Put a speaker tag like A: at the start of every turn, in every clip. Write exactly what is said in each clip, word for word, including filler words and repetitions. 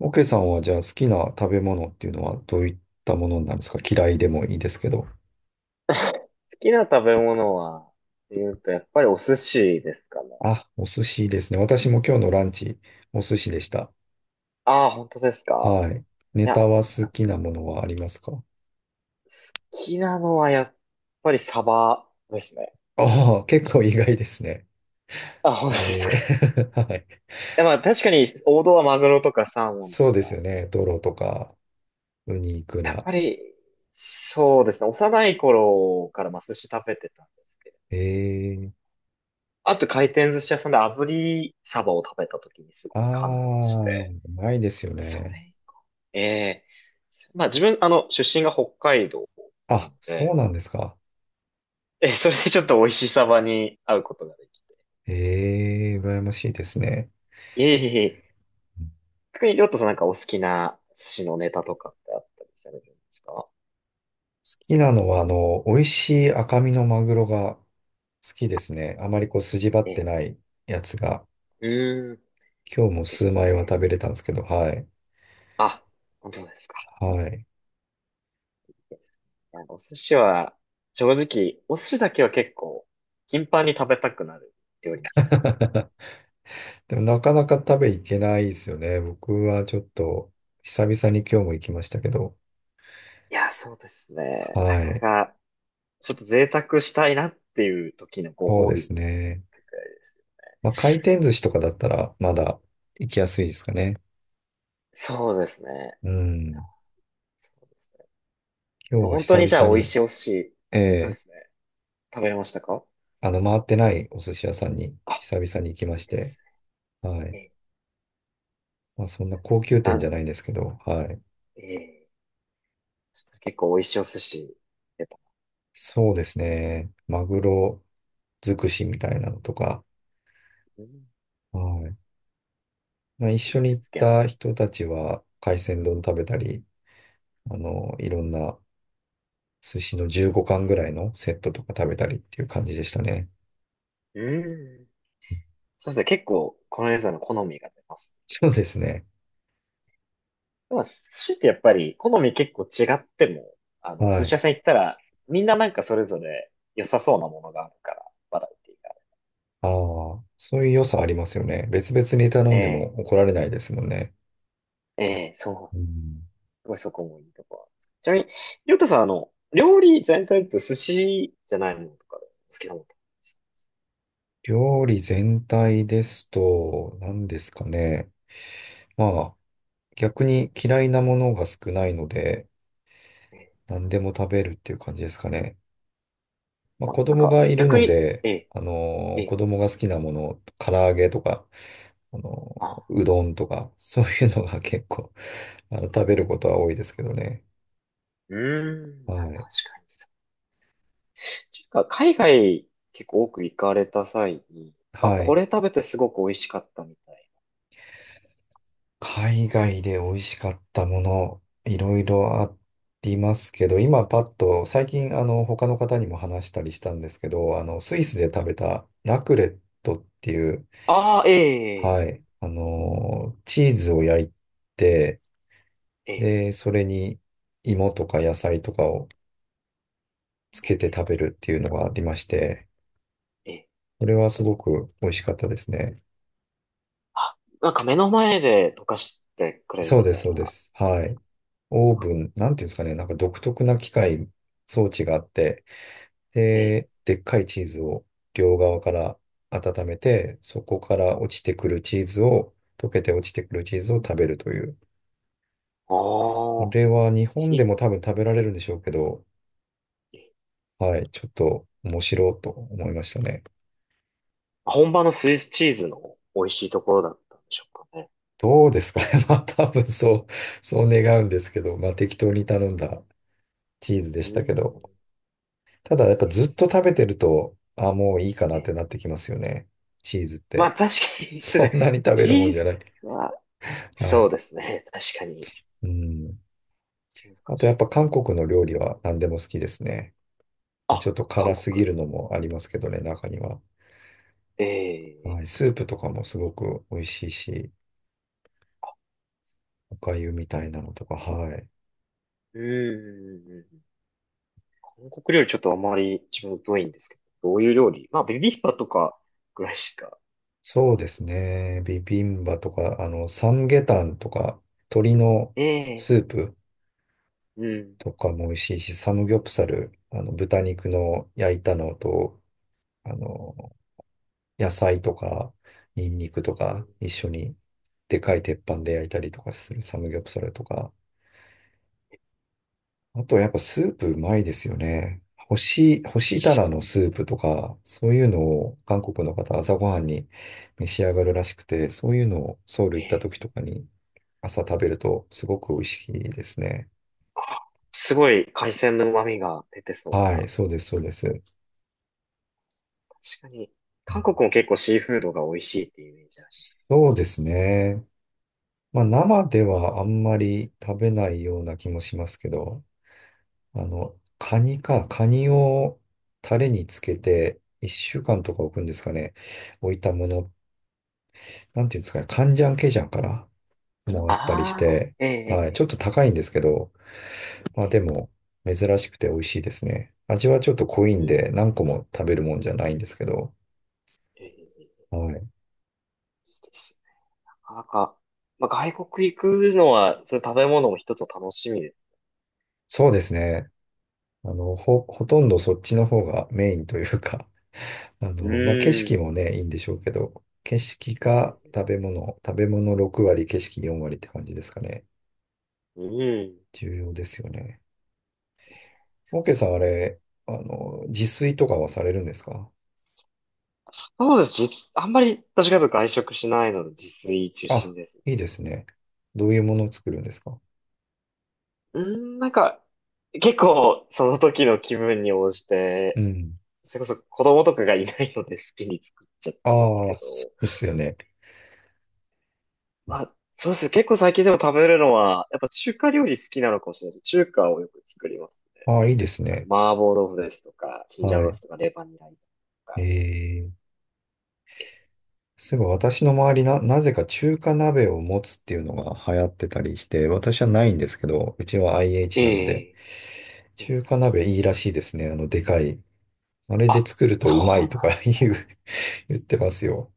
A: オケさんはじゃあ好きな食べ物っていうのはどういったものなんですか？嫌いでもいいですけど。
B: 好きな食べ物は、って言うと、やっぱりお寿司ですかね。
A: あ、お寿司ですね。私も今日のランチ、お寿司でした。
B: ああ、本当ですか。
A: はい。ネ
B: いや、
A: タは好きなものはありますか？
B: 好きなのはやっぱりサバですね。
A: ああ、結構意外ですね。
B: あ、本当です
A: え
B: か。い
A: ー はい。
B: や、まあ確かに王道はマグロとかサーモン
A: そ
B: と
A: うで
B: か。
A: すよね。トロとか、ウニ、イク
B: やっ
A: ラ。
B: ぱり、そうですね。幼い頃からまあ寿司食べてたんですけど。
A: えー、
B: あと回転寿司屋さんで炙りサバを食べた時にす
A: あ
B: ごい感動し
A: あ、う
B: て。
A: まいですよ
B: そ
A: ね。
B: れ、ええまあ自分、あの、出身が北海道な
A: あ、
B: の
A: そ
B: で、
A: うなんですか。
B: え、それでちょっと美味しさまに会うことができて。
A: ええー、羨ましいですね。
B: いえいえいえ。逆に、りょうとさんなんかお好きな寿司のネタとかってあったりされるんですか？
A: きなのは、あの、美味しい赤身のマグロが好きですね。あまりこう筋張っ
B: え、
A: てないやつが、
B: うーん、
A: 今日も
B: です
A: 数枚は
B: ね。
A: 食べれたんですけど、はい。
B: あ、本当ですか。
A: はい。
B: いやお寿司は、正直、お寿司だけは結構、頻繁に食べたくなる料理の一つですね。
A: でもなかなか食べ行けないですよね。僕はちょっと久々に今日も行きましたけど、
B: いや、そうですね。な
A: は
B: かな
A: い。
B: か、ちょっと贅沢したいなっていう時のご
A: そう
B: 褒
A: で
B: 美
A: す
B: に。
A: ね。まあ、回転寿司とかだったらまだ行きやすいですかね。
B: そうですね。
A: うん。
B: そうです
A: 今日
B: ね。
A: は
B: 本当
A: 久
B: にじゃあ
A: 々
B: 美味
A: に、
B: しいお寿司。
A: え
B: そう
A: え
B: ですね。食べれましたか？
A: あの、回ってないお寿司屋さんに
B: あ、
A: 久々に行きま
B: いい
A: し
B: で
A: て、
B: す。
A: は
B: え
A: い。
B: え
A: まあ、
B: ー、
A: そ
B: 知
A: ん
B: っ
A: な
B: てま
A: 高
B: す。
A: 級店じゃ
B: な、
A: ないんですけど、はい。
B: ええ、結構美味しいお寿司出た。
A: そうですね。マグロ尽くしみたいなのとか、
B: うん、
A: はい。まあ、一緒に
B: 手
A: 行っ
B: 付けの。
A: た人たちは海鮮丼食べたり、あの、いろんな寿司のじゅうごかん貫ぐらいのセットとか食べたりっていう感じでしたね。
B: うん。そうですね。結構、このレーザーの好みが出ます。
A: そうですね。
B: でも、寿司ってやっぱり、好み結構違っても、あの、お
A: は
B: 寿
A: い。
B: 司屋さん行ったら、みんななんかそれぞれ良さそうなものがあるから、バラエティが。
A: ああ、そういう良さありますよね。別々に頼んで
B: え
A: も怒られないですもんね。
B: え、ええ、そ
A: う
B: う。
A: ん、
B: すごいそこもいいところなんです。ちなみに、りょうたさん、あの、料理全体と寿司じゃないものとかで、好きなものとか
A: 料理全体ですと、何ですかね。まあ逆に嫌いなものが少ないので、
B: あります？
A: 何でも食べるっていう感じですかね。まあ、
B: まあ、
A: 子
B: なん
A: 供
B: か、
A: がいる
B: 逆
A: の
B: に、
A: で、
B: ええ、
A: あの
B: え
A: ー子
B: え、
A: 供が好きなもの、唐揚げとか、あの
B: あ、
A: ーうどんとか、そういうのが結構、あの、食べることは多いですけどね。
B: うーん、まあ
A: はい。
B: 確かにそう。ちか、海外結構多く行かれた際に、あ、
A: は
B: こ
A: い。
B: れ食べてすごく美味しかったみたい。
A: 海外で美味しかったもの、いろいろありますけど、今パッと、最近、あの、他の方にも話したりしたんですけど、あの、スイスで食べたラクレットっていう、
B: ああ、
A: は
B: ええ、
A: い。あのー、チーズを焼いて、
B: ええ、
A: で、それに芋とか野菜とかをつ
B: え
A: けて
B: え、
A: 食べるっていうのがありまして、
B: ええ、
A: それはすごく美味しかったですね。
B: あ、なんか目の前で溶かしてくれる
A: そう
B: み
A: です、
B: たい
A: そうで
B: な。
A: す。はい。オーブン、なんていうんですかね、なんか独特な機械、装置があって、
B: ええ、
A: で、でっかいチーズを両側から温めて、そこから落ちてくるチーズを、溶けて落ちてくるチーズを食べるという。あ
B: ああ、
A: れは日本で
B: ひ、
A: も多分食べられるんでしょうけど、はい、ちょっと面白いと思いましたね。
B: 本場のスイスチーズの美味しいところだったんでしょうかね。
A: どうですかね。まあ多分そう、そう願うんですけど、まあ適当に頼んだチーズで
B: うー
A: したけど、
B: ん、
A: ただやっぱずっと食べてると、あ、もういいかな
B: え
A: って
B: え、
A: なってきますよね。チーズっ
B: ま
A: て。
B: あ確か に、すいませ
A: そ
B: ん。
A: んなに食べ
B: チ
A: るもん
B: ー
A: じゃない。
B: ズは、
A: は
B: そう
A: い。
B: ですね。確かに。
A: うん。
B: 難
A: あとや
B: し
A: っ
B: い
A: ぱ
B: で
A: 韓
B: す。
A: 国の料理は何でも好きですね。まあちょ
B: あ、
A: っと
B: 韓
A: 辛すぎ
B: 国。
A: るのもありますけどね、中には。は
B: ええ、
A: い。スープとかもすごく美味しいし、お粥みたいなのとか、はい。
B: うーん。韓国料理ちょっとあまり自分疎いんですけど、どういう料理まあ、ビビンバとかぐらいしか。
A: そうですね。ビビンバとか、あの、サムゲタンとか、鶏のス
B: ええ、
A: ープ
B: うん。
A: とかも美味しいし、サムギョプサル、あの、豚肉の焼いたのと、あの、野菜とか、ニンニクと
B: うん、
A: か、一緒に、でかい鉄板で焼いたりとかするサムギョプサルとか、あとやっぱスープうまいですよね。干し、干したらのスープとか、そういうのを韓国の方朝ごはんに召し上がるらしくて、そういうのをソウル行
B: え
A: った
B: え、
A: 時とかに朝食べるとすごく美味しいですね。
B: すごい海鮮の旨味が出てそう
A: は
B: な。
A: い、そうです、そうです。
B: 確かに。韓国も結構シーフードが美味しいっていうイメージある。
A: そうですね。まあ生ではあんまり食べないような気もしますけど、あの、カニか、カニをタレにつけていっしゅうかんとか置くんですかね。置いたものなんていうんですかね、カンジャンケジャンからもらったりし
B: ああ、
A: て、
B: え
A: は
B: え、
A: い、ちょっ
B: え
A: と高いんですけど、
B: え、
A: まあ
B: え
A: で
B: え、
A: も、珍しくて美味しいですね。味はちょっと濃い
B: う
A: んで、
B: ん。
A: 何個も食べるもんじゃないんですけど、
B: ええ、いい
A: はい。
B: ですね。なかなか、まあ、外国行くのは、そういう食べ物も一つの楽しみです。
A: そうですね。あの、ほ、ほとんどそっちの方がメインというか、あ
B: う
A: の、まあ景
B: ー
A: 色
B: ん。
A: もね、いいんでしょうけど、景色
B: うん。
A: か食べ物、食べ物ろく割、景色よん割って感じですかね。
B: うん、
A: 重要ですよね。
B: そ
A: オー
B: うで
A: ケー
B: す
A: さん、あ
B: ね。
A: れ、あの、自炊とかはされるんですか？
B: そうです。実、あんまり私がと外食しないので自炊中
A: あ、
B: 心です。
A: いいですね。どういうものを作るんですか？
B: うーん、なんか、結構その時の気分に応じ
A: う
B: て、
A: ん。
B: それこそ子供とかがいないので好きに作っちゃってます
A: あ
B: け
A: あ、
B: ど。
A: そうですよね。
B: まあ、そうです。結構最近でも食べるのは、やっぱ中華料理好きなのかもしれないです。中華をよく作りますね。
A: ああ、いいです
B: あの、
A: ね。
B: 麻婆豆腐ですとか、チンジャオ
A: は
B: ロー
A: い。
B: スとか、レバニラと
A: え
B: か。
A: ー、そういえば私の周りな、なぜか中華鍋を持つっていうのが流行ってたりして、私はないんですけど、うちは アイエイチ なので、
B: ええ、え
A: 中華
B: え、
A: 鍋いいらしいですね。あの、でかい。あれで作るとうま
B: そ
A: い
B: う
A: と
B: なん
A: か
B: です。
A: 言う、言ってますよ。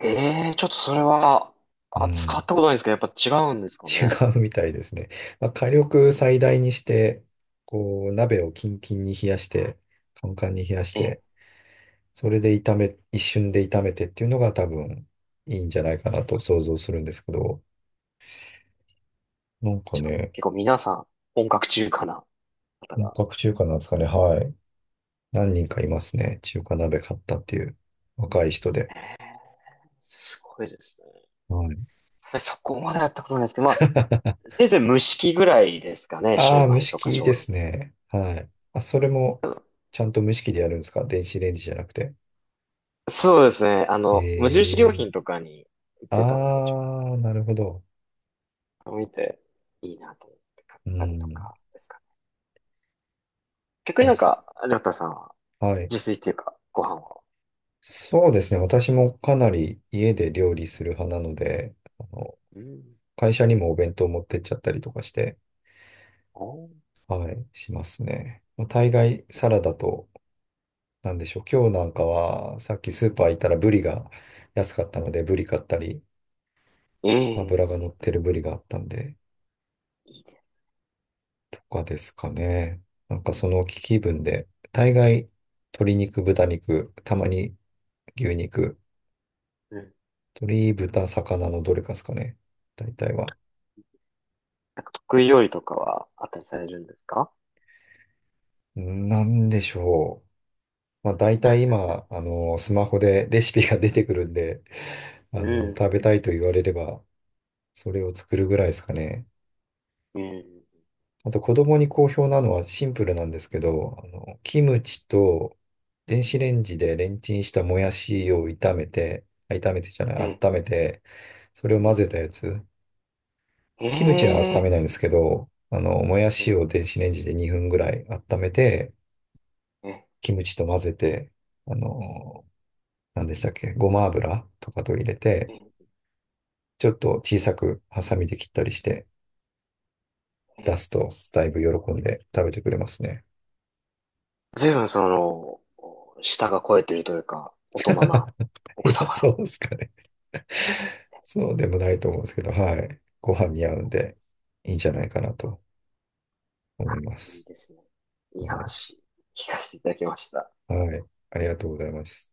B: ええ、ちょっとそれは、
A: う
B: あ、使
A: ん。
B: ったことないんですけど、やっぱ違うんですか
A: 違
B: ね。
A: うみたいですね。まあ、火力最大にして、こう、鍋をキンキンに冷やして、カンカンに冷やし
B: ええ、
A: て、それで炒め、一瞬で炒めてっていうのが多分いいんじゃないかなと想像するんですけど、なんか
B: じゃあ、
A: ね、
B: 結構皆さん、本格中華な方
A: 本
B: が。
A: 格中華なんですかね。はい。何人かいますね。中華鍋買ったっていう若い人で。
B: ええ、すごいですね。
A: はい。
B: でそこまでやったことないですけど、まあ、せいぜい蒸し器ぐらいですかね、シュ
A: あ
B: ー
A: あ、
B: マ
A: 蒸
B: イ
A: し
B: とか
A: 器
B: 小
A: で
B: 籠
A: すね。はい。あ、それも
B: 包。
A: ちゃんと蒸し器でやるんですか？電子レンジじゃなくて。
B: そうですね、あ
A: へ
B: の、無印良
A: え。
B: 品とかに行ってたので、ちょ
A: ああ、なるほど。
B: っと見て、いいなと思って買っ
A: う
B: たりと
A: ん。い
B: かですかね。逆に
A: や
B: なんか、
A: す
B: りょうたさんは、
A: はい。
B: 自炊っていうか、ご飯を。
A: そうですね。私もかなり家で料理する派なので、あの、
B: うん。
A: 会社にもお弁当持ってっちゃったりとかして、
B: おー、
A: はい、しますね。まあ大概サラダと、なんでしょう。今日なんかは、さっきスーパー行ったらブリが安かったので、ブリ買ったり、油が乗
B: ええ、
A: ってるブリがあったんで、
B: いいです。
A: とかですかね。なんかその気分で、大概鶏肉、豚肉、たまに牛肉、
B: うん、
A: 鳥、豚、魚のどれかですかね。大体は。
B: なんか得意料理とかはあったりされるんですか？
A: なんでしょう。まあ、大体今、あの、スマホでレシピが出てくるんで、あ
B: う
A: の、
B: ん、
A: 食べたいと言われれば、それを作るぐらいですかね。
B: うん、
A: あと、子供に好評なのはシンプルなんですけど、あの、キムチと電子レンジでレンチンしたもやしを炒めて、あ炒めてじゃない、
B: え、
A: 温めて、それを混
B: え、
A: ぜたやつ。
B: え
A: キムチは温め
B: え、
A: ないんですけど、あの、もやし
B: え、
A: を電子レンジでにふんぐらい温めて、
B: え、
A: キムチと混ぜて、あの、何でしたっけ、ごま油とかと入れて、
B: え、
A: ちょっと小さくハサミで切ったりして出
B: え、
A: すと、だいぶ喜んで食べてくれますね。
B: ずいぶ分その、舌が肥えてるというか、大人なお 子
A: い
B: 様
A: や、
B: の。
A: そうですかね。そうでもないと思うんですけど、はい。ご飯に合うんで、いいんじゃないかなと
B: あ、
A: 思いま
B: いい
A: す。
B: ですね。いい
A: はい。
B: 話、聞かせていただきました。
A: はい、ありがとうございます。